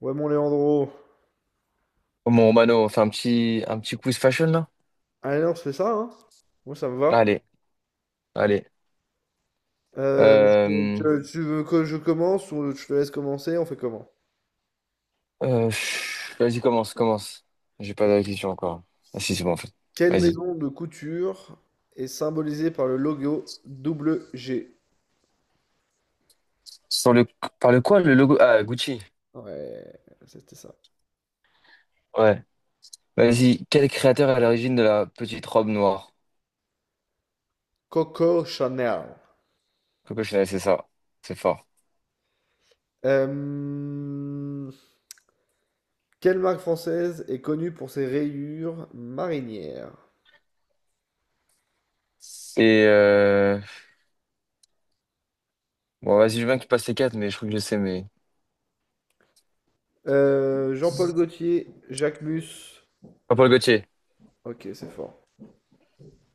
Ouais, mon Léandro. Bon, Mano, on fait un petit quiz fashion là? Allez, on se fait ça, hein? Moi, ça me va. Allez, allez. Euh, tu, Euh, tu- tu veux que je commence ou je te laisse commencer? On fait comment? Vas-y, commence. J'ai pas la question encore. Ah si, c'est bon en fait. Quelle Vas-y. maison de couture est symbolisée par le logo double G? Sur le, par le quoi, le logo? Ah, Gucci. Ouais, c'était ça. Ouais. Vas-y. Quel créateur est à l'origine de la petite robe noire? Coco Chanel. Coco Chanel, c'est ça. C'est fort. Euh, quelle marque française est connue pour ses rayures marinières? Et euh, bon, vas-y, je veux bien que tu passes les quatre, mais je crois que je sais, mais. Jean-Paul Gaultier, Jacques Mus. Jean-Paul Gaultier. Ok, c'est fort.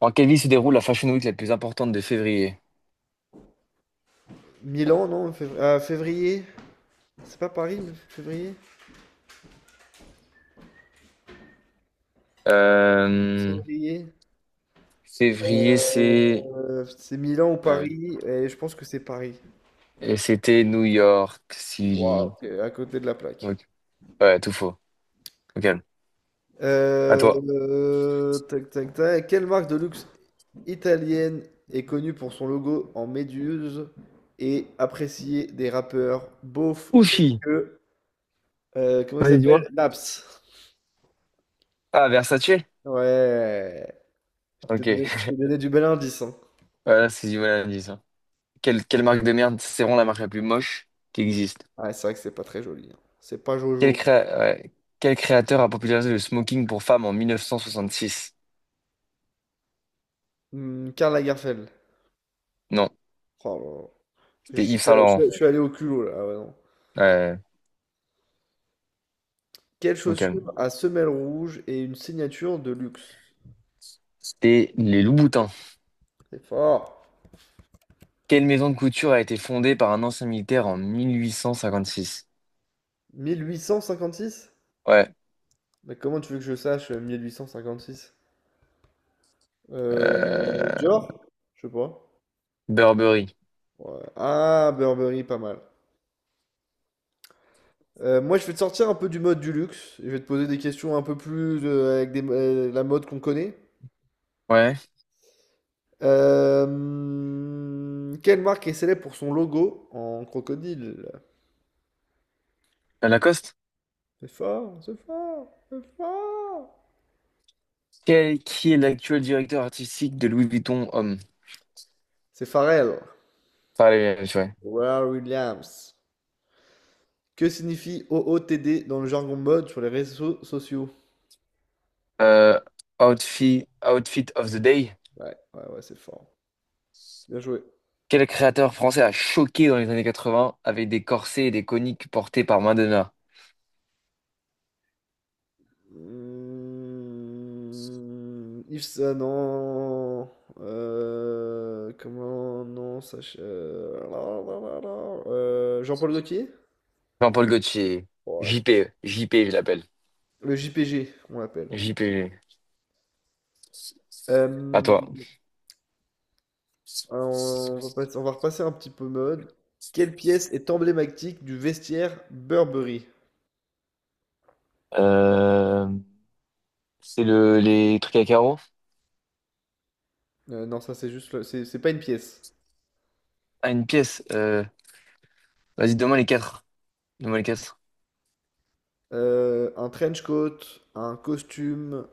En quelle ville se déroule la Fashion Week la plus importante de février? Milan, non? Ah, février? C'est pas Paris, mais février? Euh, Février. février, c'est. C'est Milan ou Ouais. Paris, et je pense que c'est Paris. Et c'était New York City. Waouh, t'es à côté de la plaque. Ok. Ouais, tout faux. Ok. À toi. Tac, tac, tac. Quelle marque de luxe italienne est connue pour son logo en méduse et appréciée des rappeurs beaufs tels Uchi. que... comment il Allez, s'appelle? dis-moi. Naps. Ah, Versace? Ouais. Je t'ai Ok. donné, je t'ai donné du bel indice, hein. Voilà, c'est du mal à dire, ça. Quelle marque de merde? C'est vraiment la marque la plus moche qui existe. Ouais, c'est vrai que c'est pas très joli, hein. C'est pas Jojo. Ouais. Quel créateur a popularisé le smoking pour femmes en 1966? Hmm, Karl Lagerfeld. Non, Oh là là. Je c'était suis, Yves Saint-Laurent. je- je suis allé au culot là. Ah ouais, non. Ouais, Quelle au calme. chaussure à semelle rouge et une signature de luxe? C'était les Louboutins. C'est fort. Quelle maison de couture a été fondée par un ancien militaire en 1856? 1856? Ouais. Mais comment tu veux que je sache 1856? Euh, Euh... Dior? Je sais pas. Burberry. Ouais. Ah, Burberry, pas mal. Moi, je vais te sortir un peu du mode du luxe. Je vais te poser des questions un peu plus la mode qu'on connaît. Ouais. Quelle marque est célèbre pour son logo en crocodile? Lacoste? C'est fort, c'est fort, c'est fort. Quel- qui est l'actuel directeur artistique de Louis Vuitton Homme? C'est Pharrell, Enfin, allez, allez, je Pharrell Williams. Que signifie OOTD dans le jargon mode sur les réseaux sociaux? Euh, outfit, Outfit of the Day. Ouais, ouais, ouais, c'est fort. Bien joué. Quel créateur français a choqué dans les années 80 avec des corsets et des coniques portés par Madonna? Hmm, Yves, non. Comment, non, sachez. Jean-Paul Gaultier? Jean-Paul Gaultier. Ouais, JP, JP, je l'appelle. le JPG, on l'appelle. JP, à Euh, toi. on va repasser un petit peu mode. Quelle pièce est emblématique du vestiaire Burberry? Euh, c'est le, les trucs à carreaux? Non, ça c'est juste, c'est pas une pièce. Ah, une pièce. Vas-y, donne-moi les quatre. Donne-moi les quatre. Un trench coat, un costume,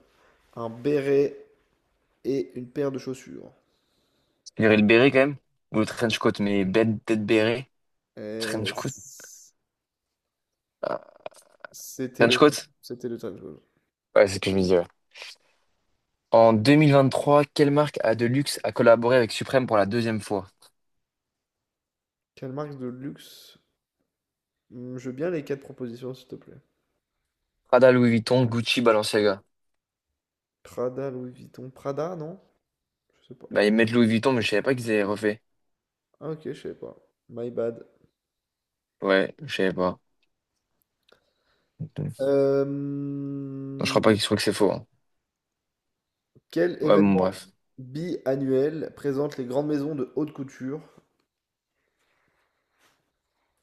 un béret et une paire de chaussures. Il y aurait le béret quand même. Ou le trench coat, mais bête, tête béret. Euh, Trench coat. c- Ah. c'était Trench le, coat? C'était le trench coat. Ouais, c'est ce que je me dis, ouais. En 2023, quelle marque à de luxe a collaboré avec Supreme pour la deuxième fois? Quelle marque de luxe? Je veux bien les quatre propositions, s'il te plaît. Prada, Louis Vuitton, Gucci, Balenciaga. Prada, non? Je sais pas. Bah, ils mettent Louis Vuitton, mais je savais pas qu'ils avaient refait. Ah ok, je savais pas. My bad. Ouais, je savais pas. Non, Euh, je crois pas qu'ils trouvent que c'est faux, hein. quel Ouais, bon, événement bref. biannuel présente les grandes maisons de haute couture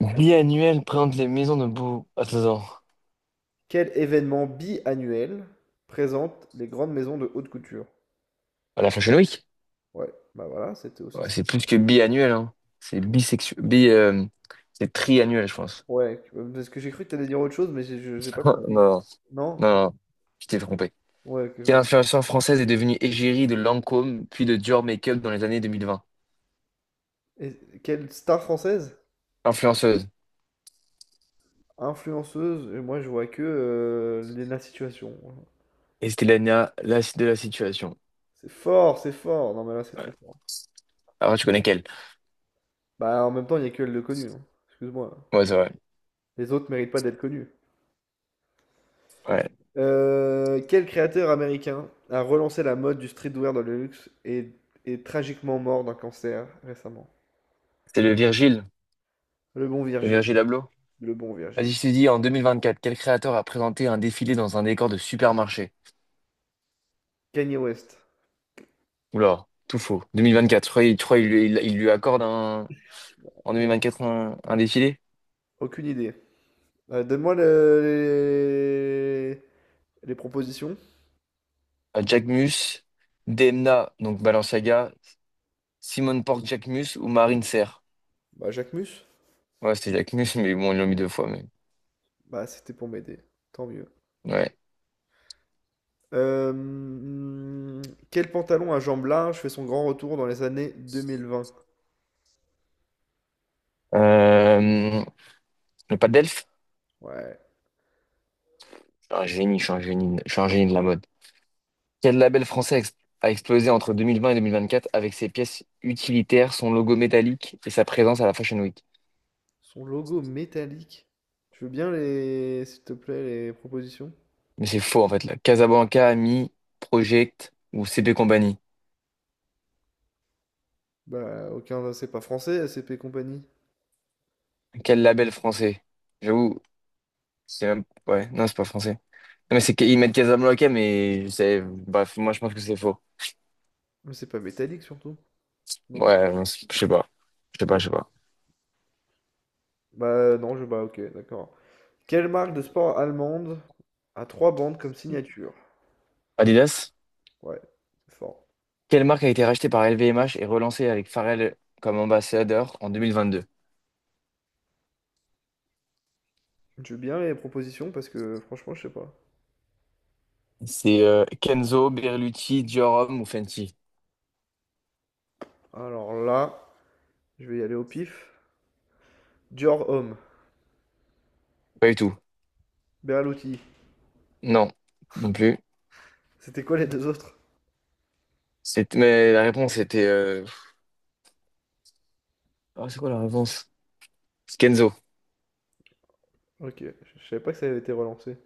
Biannuel présente les maisons de beau. Attends, attends. Quel événement biannuel présente les grandes maisons de haute couture? À la Fashion Week? Ouais, bah voilà, c'était aussi Ouais, ça. c'est plus que biannuel, hein. C'est bisexuel. C'est triannuel, je pense. Ouais, parce que j'ai cru que t'allais dire autre chose, mais j'ai je- j'ai pas Non, compris. non, Non? non, je t'ai trompé. Ouais, que je Quelle me- influenceuse française est devenue égérie de Lancôme, puis de Dior Makeup dans les années 2020? Et quelle star française? Influenceuse. Influenceuse? Et moi, je vois que Léna Situation. Et c'était la de la situation. C'est fort, c'est fort. Non, mais là, c'est très Ouais. fort. Ah ouais, tu connais quelle? Bah, en même temps, il n'y a que elle de connue, hein. Excuse-moi. Ouais, c'est vrai. Les autres méritent pas d'être connus. Ouais. Quel créateur américain a relancé la mode du streetwear dans le luxe et est tragiquement mort d'un cancer récemment? C'est le Virgile. Le bon Le Virgile. Virgile Abloh. Le bon Vas-y, Virgile. je te dis, en 2024, quel créateur a présenté un défilé dans un décor de supermarché? Kanye West. Oula, tout faux. 2024, tu crois il lui accorde un, en Non, 2024 un défilé? aucune idée. Donne-moi les... les propositions. À Jacquemus, Demna, donc Balenciaga, Simone Porte Jacquemus ou Marine Serre. Bah, Jacques Mus. Ouais, c'était Jacquemus, mais bon, ils l'ont mis deux fois. Mais... Bah, c'était pour m'aider. Tant mieux. Ouais. Hmm, quel pantalon à jambes larges fait son grand retour dans les années 2020? Euh, le pas d'elfe. Ouais. Je suis un génie, je suis un génie, je suis un génie de la mode. Quel label français a ex- a explosé entre 2020 et 2024 avec ses pièces utilitaires, son logo métallique et sa présence à la Fashion Week? Son logo métallique. Je veux bien les, s'il te plaît, les propositions. Mais c'est faux en fait là. Casablanca, Ami, Project ou CP Company. Bah, aucun, bah, c'est pas français, ACP compagnie. Quel label français? J'avoue, c'est même... Ouais, non, c'est pas français. Non, mais c'est qu'ils mettent Casablanca, mais c'est... Bref, moi je pense que c'est faux. Mais c'est pas métallique surtout, non? Ouais, non, je sais pas. Je sais pas. Ok, d'accord. Quelle marque de sport allemande a trois bandes comme signature? Adidas? Ouais, c'est fort. Quelle marque a été rachetée par LVMH et relancée avec Pharrell comme ambassadeur en 2022? Je veux bien les propositions parce que franchement, je sais pas. C'est Kenzo, Berluti, Diorum ou Fenty? Alors là, je vais y aller au pif. Dior Homme, Pas du tout. Berluti. Non, non plus. C'était quoi les deux autres? Mais la réponse était... ah, c'est quoi la réponse? C'est Kenzo. Ok, je savais pas que ça avait été relancé.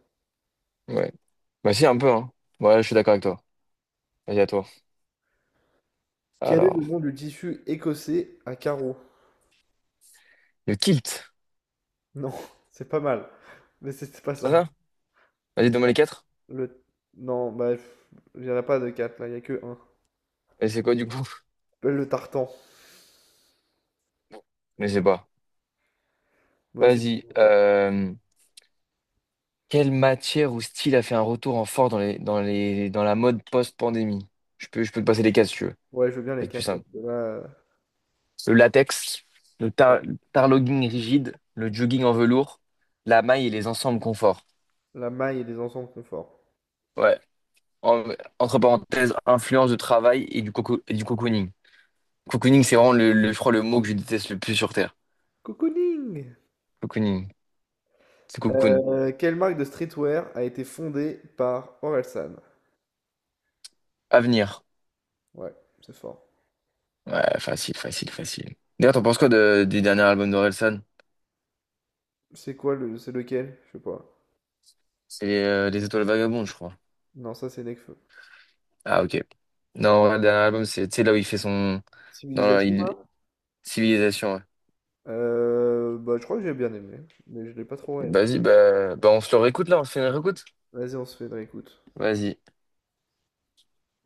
Ouais. Bah si, un peu, hein. Ouais, je suis d'accord avec toi. Vas-y, à toi. Quel est le Alors, nom du tissu écossais à carreaux? le kilt, Non, c'est pas mal, mais c'était pas c'est ça. ça? Vas-y, donne-moi les quatre. Le. Non, bah, pff, il n'y en a pas de 4 là, il n'y a que 1. Et c'est quoi, du coup? Le tartan. Je sais pas. Moi aussi, Vas-y. je veux quoi. Quelle matière ou style a fait un retour en fort dans la mode post-pandémie? Je peux te passer les quatre, si tu veux. Ouais, je veux bien les C'est plus 4 parce simple. que là. Le latex, le tar- Non. tarlogging rigide, le jogging en velours, la maille et les ensembles confort. La maille et les ensembles confort. Ouais. En- entre parenthèses, influence de travail et et du cocooning. Cocooning, c'est vraiment je crois, le mot que je déteste le plus sur Terre. Cocooning! Cocooning. C'est cocoon. Quelle marque de streetwear a été fondée par Orelsan? Avenir. Ouais, c'est fort. Ouais, facile, facile, facile. D'ailleurs, t'en penses quoi du dernier album d'Orelsan? C'est quoi le. C'est lequel? Je sais pas. C'est Les Étoiles Vagabondes, je crois. Non, ça, c'est Nekfeu. Ah, ok. Non, ouais, le dernier album, c'est tu sais, là où il fait son. Dans la Civilisation, là? il- Civilisation, ouais. Je crois que j'ai bien aimé, mais je l'ai pas trop aimé. Vas-y, on se le réécoute là, on se fait une réécoute. Vas-y, on se fait une réécoute. Vas-y.